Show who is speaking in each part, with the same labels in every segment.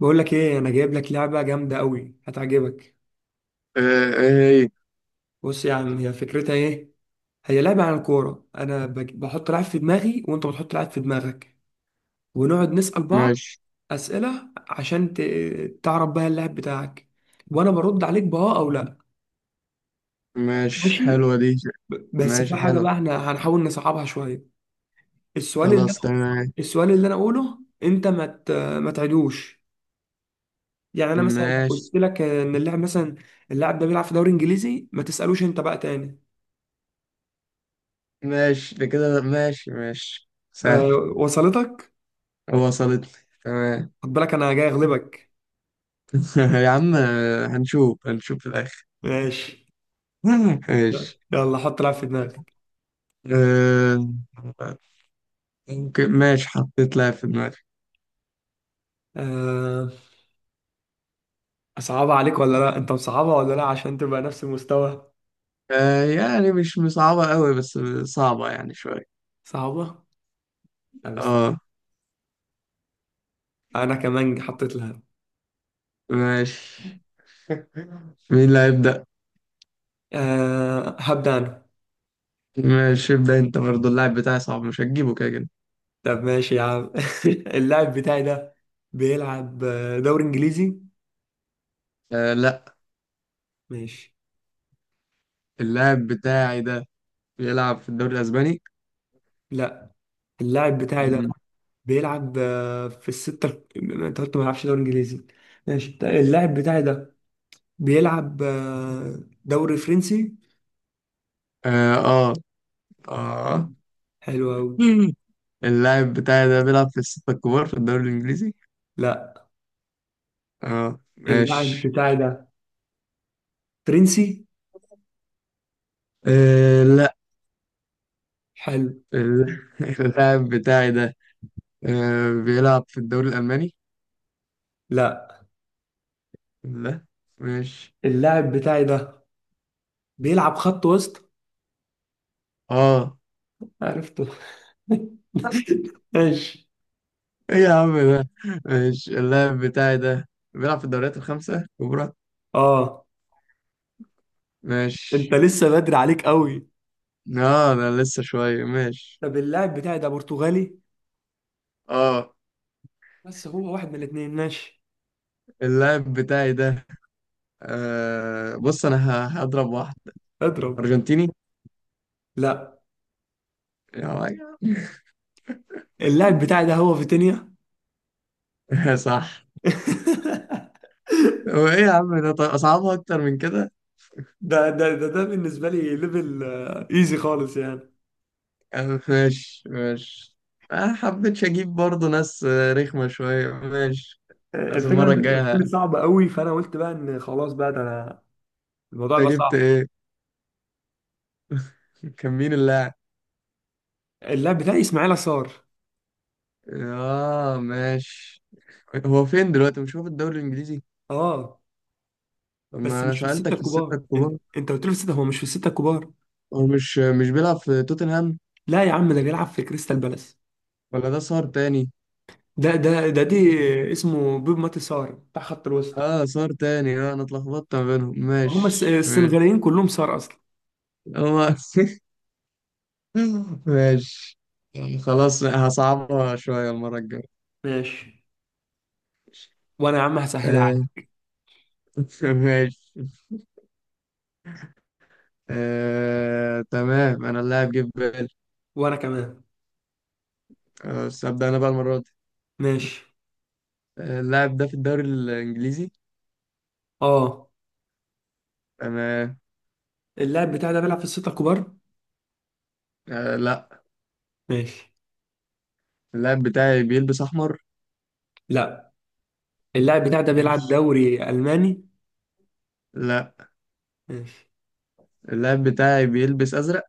Speaker 1: بقول لك ايه؟ انا جايب لك لعبه جامده قوي هتعجبك.
Speaker 2: ايه.
Speaker 1: بص يا عم، هي فكرتها ايه؟ هي لعبه عن الكوره، انا بحط لعب في دماغي وانت بتحط لعب في دماغك، ونقعد نسال بعض
Speaker 2: ماشي
Speaker 1: اسئله عشان تعرف بقى اللاعب بتاعك، وانا برد عليك باه او لا.
Speaker 2: ماشي.
Speaker 1: ماشي.
Speaker 2: حلوة دي.
Speaker 1: بس في
Speaker 2: ماشي
Speaker 1: حاجه
Speaker 2: حلو.
Speaker 1: بقى احنا هنحاول نصعبها شويه. السؤال اللي
Speaker 2: خلاص
Speaker 1: انا
Speaker 2: تمام.
Speaker 1: السؤال اللي انا اقوله، انت ما تعدوش. يعني انا مثلا لو قلت
Speaker 2: ماشي
Speaker 1: لك ان اللاعب مثلا، اللاعب ده بيلعب في دوري انجليزي، ما تسالوش انت بقى تاني.
Speaker 2: ماشي ده كده. ماشي ماشي سهل.
Speaker 1: أه، وصلتك؟
Speaker 2: وصلتني. تمام.
Speaker 1: خد بالك انا جاي اغلبك.
Speaker 2: يا عم، هنشوف هنشوف في الآخر.
Speaker 1: ماشي.
Speaker 2: ماشي.
Speaker 1: يلا حط لعب في دماغك.
Speaker 2: آه، ممكن ماشي، حطيت لها في دماغي.
Speaker 1: أه، صعبة عليك ولا لا؟ انت مصعبة ولا لا؟ عشان تبقى نفس المستوى.
Speaker 2: يعني مش صعبة قوي، بس صعبة يعني شوية.
Speaker 1: صعبة؟ أه بس.
Speaker 2: اه
Speaker 1: انا كمان حطيت لها.
Speaker 2: ماشي. مين اللي هيبدأ؟
Speaker 1: أه، هبدأ انا.
Speaker 2: ماشي ابدأ انت، برضه اللاعب بتاعي صعب، مش هتجيبه كده كده.
Speaker 1: طب ماشي يا عم. اللاعب بتاعي ده بيلعب دوري انجليزي.
Speaker 2: آه لا.
Speaker 1: ماشي.
Speaker 2: اللاعب بتاعي ده بيلعب في الدوري الأسباني.
Speaker 1: لا. اللاعب بتاعي ده
Speaker 2: مم.
Speaker 1: بيلعب في الستة. انت قلت ما بيلعبش دوري انجليزي. ماشي طيب. اللاعب بتاعي ده بيلعب دوري فرنسي.
Speaker 2: آه آه،
Speaker 1: حلو.
Speaker 2: آه.
Speaker 1: حلو أوي.
Speaker 2: مم. اللاعب بتاعي ده بيلعب في الستة الكبار في الدوري الإنجليزي.
Speaker 1: لا.
Speaker 2: آه
Speaker 1: اللاعب
Speaker 2: ماشي.
Speaker 1: بتاعي ده فرنسي.
Speaker 2: آه لا.
Speaker 1: حلو.
Speaker 2: ال- اللاعب بتاعي ده بيلعب في الدوري الألماني.
Speaker 1: لا.
Speaker 2: لا ماشي.
Speaker 1: اللاعب بتاعي ده بيلعب خط وسط.
Speaker 2: آه
Speaker 1: عرفته. ماشي.
Speaker 2: إيه يا عم ده. ماشي، اللاعب بتاعي ده بيلعب في الدوريات الخمسة الكبرى.
Speaker 1: اه، انت
Speaker 2: ماشي.
Speaker 1: لسه بدري عليك قوي.
Speaker 2: آه ده لسه شوية ماشي.
Speaker 1: طب اللاعب بتاعي ده برتغالي،
Speaker 2: آه
Speaker 1: بس هو واحد من الاثنين. ماشي.
Speaker 2: اللاعب بتاعي ده، بص انا هضرب واحد.
Speaker 1: اضرب.
Speaker 2: ارجنتيني.
Speaker 1: لا.
Speaker 2: يا راجل.
Speaker 1: اللاعب بتاعي ده هو فيتينيا.
Speaker 2: صح. وايه يا عم ده، طيب اصعبها اكتر من كده.
Speaker 1: ده بالنسبة لي ليفل ايزي خالص يعني.
Speaker 2: أه ماشي ماشي. ما حبيتش اجيب برضو ناس رخمة شوية. ماشي بس
Speaker 1: الفكره،
Speaker 2: المرة
Speaker 1: انت قلت
Speaker 2: الجاية
Speaker 1: لي
Speaker 2: انت
Speaker 1: صعب قوي، فانا قلت بقى ان خلاص بقى ده انا الموضوع بقى
Speaker 2: جبت
Speaker 1: صعب.
Speaker 2: ايه؟ كان مين اللاعب؟
Speaker 1: اللاعب بتاعي اسماعيل صار.
Speaker 2: اه ماشي. هو فين دلوقتي؟ مش هو في الدوري الانجليزي؟
Speaker 1: اه،
Speaker 2: طب ما
Speaker 1: بس
Speaker 2: انا
Speaker 1: مش في السته
Speaker 2: سألتك في الستة
Speaker 1: الكبار.
Speaker 2: الكبار.
Speaker 1: انت قلت لي في السته، هو مش في السته الكبار.
Speaker 2: هو مش بيلعب في توتنهام؟
Speaker 1: لا يا عم، ده بيلعب في كريستال بالاس.
Speaker 2: ولا ده صار تاني؟
Speaker 1: ده ده ده دي اسمه بيب ماتي سار بتاع خط الوسط.
Speaker 2: اه صار تاني. اه انا اتلخبطت ما بينهم،
Speaker 1: هم
Speaker 2: ماشي ماشي.
Speaker 1: السنغاليين كلهم سار اصلا.
Speaker 2: هو ماشي. يعني خلاص هصعبها شوية المرة الجاية.
Speaker 1: ماشي. وانا يا عم هسهلها
Speaker 2: آه
Speaker 1: عليك.
Speaker 2: ماشي. آه تمام، انا اللاعب جه في بالي.
Speaker 1: وانا كمان.
Speaker 2: بس ابدأ انا بقى المرة دي.
Speaker 1: ماشي.
Speaker 2: اللاعب ده في الدوري الانجليزي؟
Speaker 1: اه.
Speaker 2: تمام.
Speaker 1: اللاعب بتاعي ده بيلعب في السته الكبار.
Speaker 2: آه لا.
Speaker 1: ماشي.
Speaker 2: اللاعب بتاعي بيلبس احمر؟
Speaker 1: لا. اللاعب بتاعي ده بيلعب
Speaker 2: ماشي.
Speaker 1: دوري الماني.
Speaker 2: لا.
Speaker 1: ماشي.
Speaker 2: اللاعب بتاعي بيلبس ازرق؟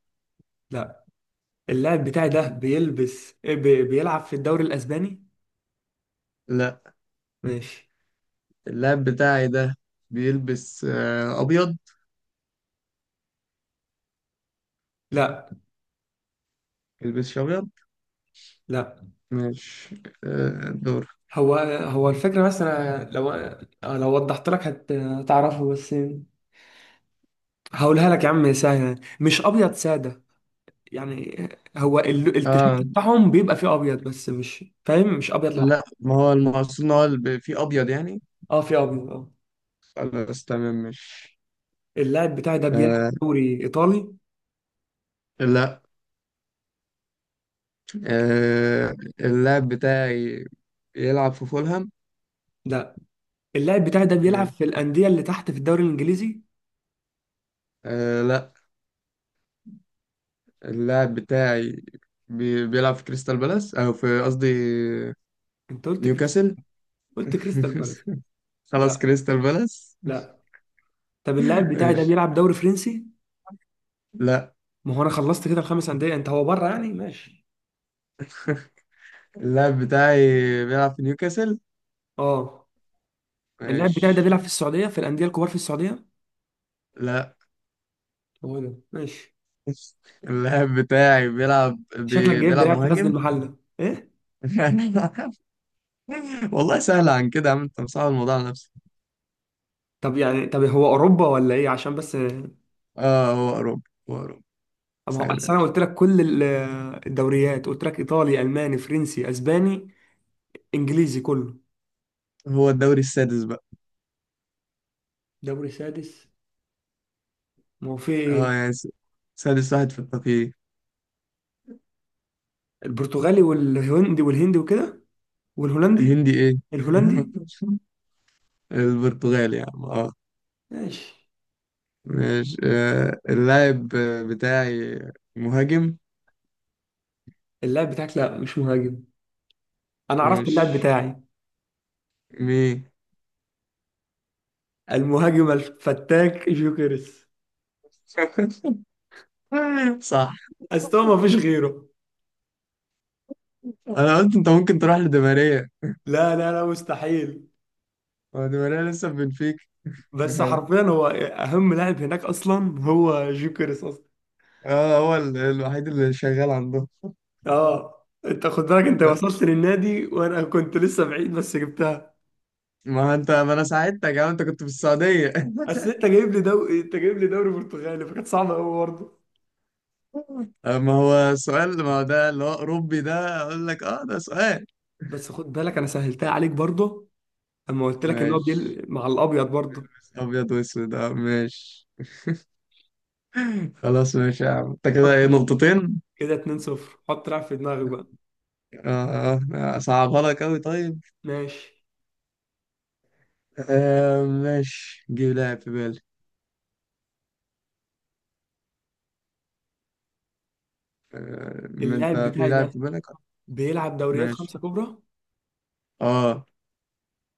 Speaker 1: لا. اللاعب بتاعي ده بيلعب في الدوري الاسباني.
Speaker 2: لا.
Speaker 1: ماشي.
Speaker 2: اللاعب بتاعي ده بيلبس ابيض؟
Speaker 1: لا.
Speaker 2: بيلبسش ابيض.
Speaker 1: لا.
Speaker 2: مش دور.
Speaker 1: هو الفكره، بس انا لو وضحت لك هتعرفه بس. هقولها لك يا عم سهله، مش ابيض ساده يعني. هو
Speaker 2: آه
Speaker 1: التيشيرت بتاعهم بيبقى فيه ابيض، بس مش فاهم، مش ابيض لوحده.
Speaker 2: لا. ما هو المقصود ان هو اللي فيه ابيض يعني.
Speaker 1: اه، فيه ابيض اه.
Speaker 2: خلاص تمام. مش
Speaker 1: اللاعب بتاعي ده بيلعب
Speaker 2: آه
Speaker 1: في دوري ايطالي.
Speaker 2: لا. آه اللاعب بتاعي يلعب في فولهام؟
Speaker 1: لا. اللاعب بتاعي ده بيلعب
Speaker 2: ماشي.
Speaker 1: في الانديه اللي تحت في الدوري الانجليزي.
Speaker 2: آه لا. اللاعب بتاعي بيلعب في كريستال بالاس، او في قصدي
Speaker 1: انت قلت كريستال،
Speaker 2: نيوكاسل.
Speaker 1: قلت كريستال بالاس.
Speaker 2: خلاص
Speaker 1: لا.
Speaker 2: كريستال بالاس.
Speaker 1: لا. طب اللاعب بتاعي ده
Speaker 2: ماشي.
Speaker 1: بيلعب دوري فرنسي.
Speaker 2: لا.
Speaker 1: ما هو انا خلصت كده الخمس انديه، انت هو بره يعني. ماشي.
Speaker 2: اللاعب بتاعي بيلعب في نيوكاسل.
Speaker 1: اه. اللاعب بتاعي ده
Speaker 2: ماشي
Speaker 1: بيلعب في السعوديه، في الانديه الكبار في السعوديه.
Speaker 2: لا.
Speaker 1: هو ده. ماشي.
Speaker 2: اللاعب بتاعي
Speaker 1: شكلك جايب ده
Speaker 2: بيلعب
Speaker 1: لاعب في غزل
Speaker 2: مهاجم.
Speaker 1: المحله ايه؟
Speaker 2: والله سهل عن كده يا عم، انت مصعب الموضوع على نفسك.
Speaker 1: طب يعني، طب هو اوروبا ولا ايه، عشان بس.
Speaker 2: اه هو اوروبا. هو اوروبا
Speaker 1: طب ما هو أصل
Speaker 2: سهل.
Speaker 1: انا قلت لك كل الدوريات، قلت لك ايطالي الماني فرنسي اسباني انجليزي كله.
Speaker 2: هو الدوري السادس بقى.
Speaker 1: دوري سادس؟ ما هو في ايه؟
Speaker 2: اه يعني سادس واحد في التقييم.
Speaker 1: البرتغالي والهندي والهندي وكده والهولندي.
Speaker 2: هندي ايه؟
Speaker 1: الهولندي.
Speaker 2: البرتغال يا عم اه.
Speaker 1: ماشي.
Speaker 2: ماشي. آه اللاعب بتاعي مهاجم.
Speaker 1: اللاعب بتاعك لا، مش مهاجم. انا عرفت اللاعب
Speaker 2: ماشي
Speaker 1: بتاعي.
Speaker 2: مين؟
Speaker 1: المهاجم الفتاك جوكيرس.
Speaker 2: صح.
Speaker 1: استوى، ما فيش غيره.
Speaker 2: انا قلت انت ممكن تروح لدماريا.
Speaker 1: لا لا لا، مستحيل.
Speaker 2: هو دماريا لسه في بنفيكا؟
Speaker 1: بس
Speaker 2: حلو.
Speaker 1: حرفيا هو اهم لاعب هناك اصلا، هو جوكيرس اصلا.
Speaker 2: اه هو الوحيد اللي شغال عندهم.
Speaker 1: اه، انت خد بالك، انت
Speaker 2: ده.
Speaker 1: وصلت للنادي وانا كنت لسه بعيد، بس جبتها.
Speaker 2: ما انت ما انا ساعدتك يا عم، انت كنت في السعودية.
Speaker 1: اصل انت جايب لي دوري برتغالي فكانت صعبه قوي برضه.
Speaker 2: ما هو سؤال، ما هو ده اللي هو اوروبي، ده اقول لك اه ده سؤال.
Speaker 1: بس خد بالك انا سهلتها عليك برضه، اما قلت لك ان هو
Speaker 2: ماشي
Speaker 1: مع الابيض برضه.
Speaker 2: ابيض واسود اه ماشي. خلاص ماشي يا عم، انت كده
Speaker 1: حط.
Speaker 2: ايه؟
Speaker 1: لا.
Speaker 2: نقطتين؟
Speaker 1: كده 2-0. حط لاعب في دماغك بقى.
Speaker 2: اه اه صعبها لك اوي طيب.
Speaker 1: ماشي.
Speaker 2: آه ماشي جيب لاعب في بالي. آه ما
Speaker 1: اللاعب
Speaker 2: انت في
Speaker 1: بتاعي
Speaker 2: لاعب في
Speaker 1: ده
Speaker 2: بالك.
Speaker 1: بيلعب دوريات
Speaker 2: ماشي.
Speaker 1: خمسة كبرى.
Speaker 2: اه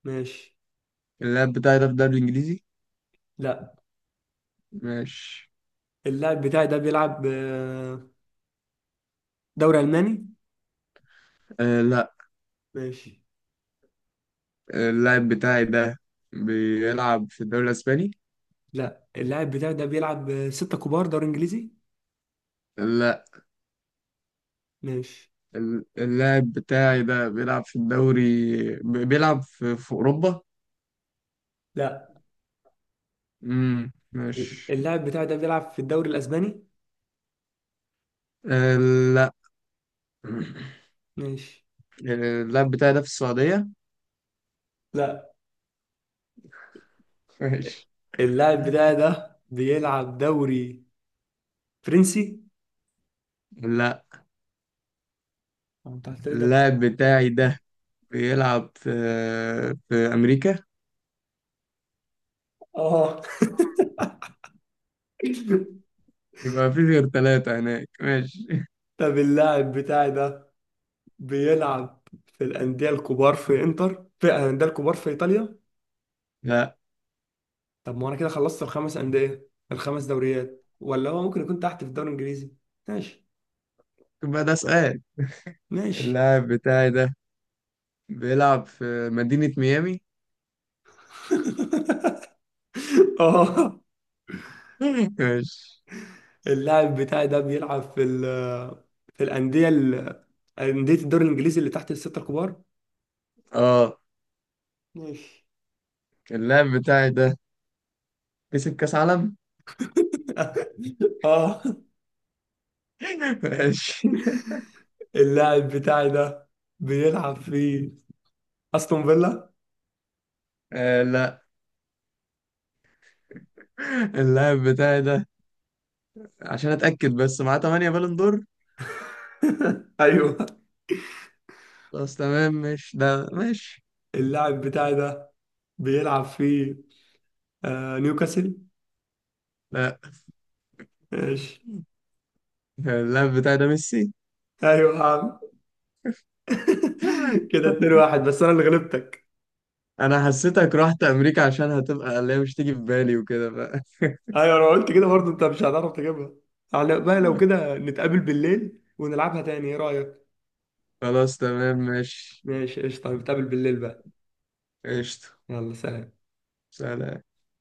Speaker 1: ماشي.
Speaker 2: اللاعب بتاعي ده في الدوري الانجليزي؟
Speaker 1: لا.
Speaker 2: ماشي.
Speaker 1: اللاعب بتاعي ده بيلعب دوري ألماني.
Speaker 2: آه لا.
Speaker 1: ماشي.
Speaker 2: اللاعب بتاعي ده بيلعب في الدوري الاسباني؟
Speaker 1: لا. اللاعب بتاعي ده بيلعب ستة كبار دوري إنجليزي.
Speaker 2: لا.
Speaker 1: ماشي.
Speaker 2: اللاعب بتاعي ده بيلعب في الدوري، بيلعب في اوروبا.
Speaker 1: لا.
Speaker 2: ماشي.
Speaker 1: اللاعب بتاعي ده بيلعب في الدوري الأسباني.
Speaker 2: آه، لا.
Speaker 1: ماشي.
Speaker 2: اللاعب بتاعي ده في السعودية؟
Speaker 1: لا.
Speaker 2: ماشي
Speaker 1: اللاعب بتاعي ده بيلعب دوري فرنسي.
Speaker 2: لا.
Speaker 1: انت قلت لي دوري.
Speaker 2: اللاعب بتاعي ده بيلعب في أمريكا.
Speaker 1: اه.
Speaker 2: يبقى مفيش غير ثلاثة هناك ماشي.
Speaker 1: طب اللاعب بتاعي ده بيلعب في الأندية الكبار في إنتر، في الأندية الكبار في إيطاليا.
Speaker 2: لا.
Speaker 1: طب ما انا كده خلصت الخمس انديه، الخمس دوريات، ولا هو ممكن يكون تحت في الدوري الانجليزي. ماشي.
Speaker 2: يبقى ده سؤال.
Speaker 1: ماشي.
Speaker 2: اللاعب بتاعي ده بيلعب في مدينة ميامي.
Speaker 1: اه.
Speaker 2: ماشي.
Speaker 1: اللاعب بتاعي ده بيلعب في الانديه انديه الدوري الانجليزي اللي تحت السته الكبار.
Speaker 2: اه.
Speaker 1: ماشي.
Speaker 2: اللاعب بتاعي ده كسب كأس عالم.
Speaker 1: اه.
Speaker 2: ماشي.
Speaker 1: اللاعب بتاعي ده بيلعب في استون فيلا.
Speaker 2: آه لا. اللاعب بتاعي ده، عشان اتأكد بس، معاه 8 بالون دور.
Speaker 1: ايوه.
Speaker 2: خلاص تمام ماشي ده ماشي.
Speaker 1: اللاعب بتاعي ده بيلعب في نيوكاسل.
Speaker 2: لا.
Speaker 1: ماشي.
Speaker 2: اللاعب بتاعي ده ميسي.
Speaker 1: ايوه يا عم. كده 2-1، بس انا اللي غلبتك.
Speaker 2: انا حسيتك رحت امريكا عشان هتبقى اللي هي مش تيجي في بالي وكده بقى.
Speaker 1: ايوه، انا قلت كده برضه انت مش هتعرف تجيبها. على بقى لو كده نتقابل بالليل ونلعبها تاني، ايه رأيك؟
Speaker 2: خلاص تمام ماشي.
Speaker 1: ماشي قشطه. نتقابل بالليل بقى.
Speaker 2: قشطة.
Speaker 1: يلا سلام.
Speaker 2: سلام.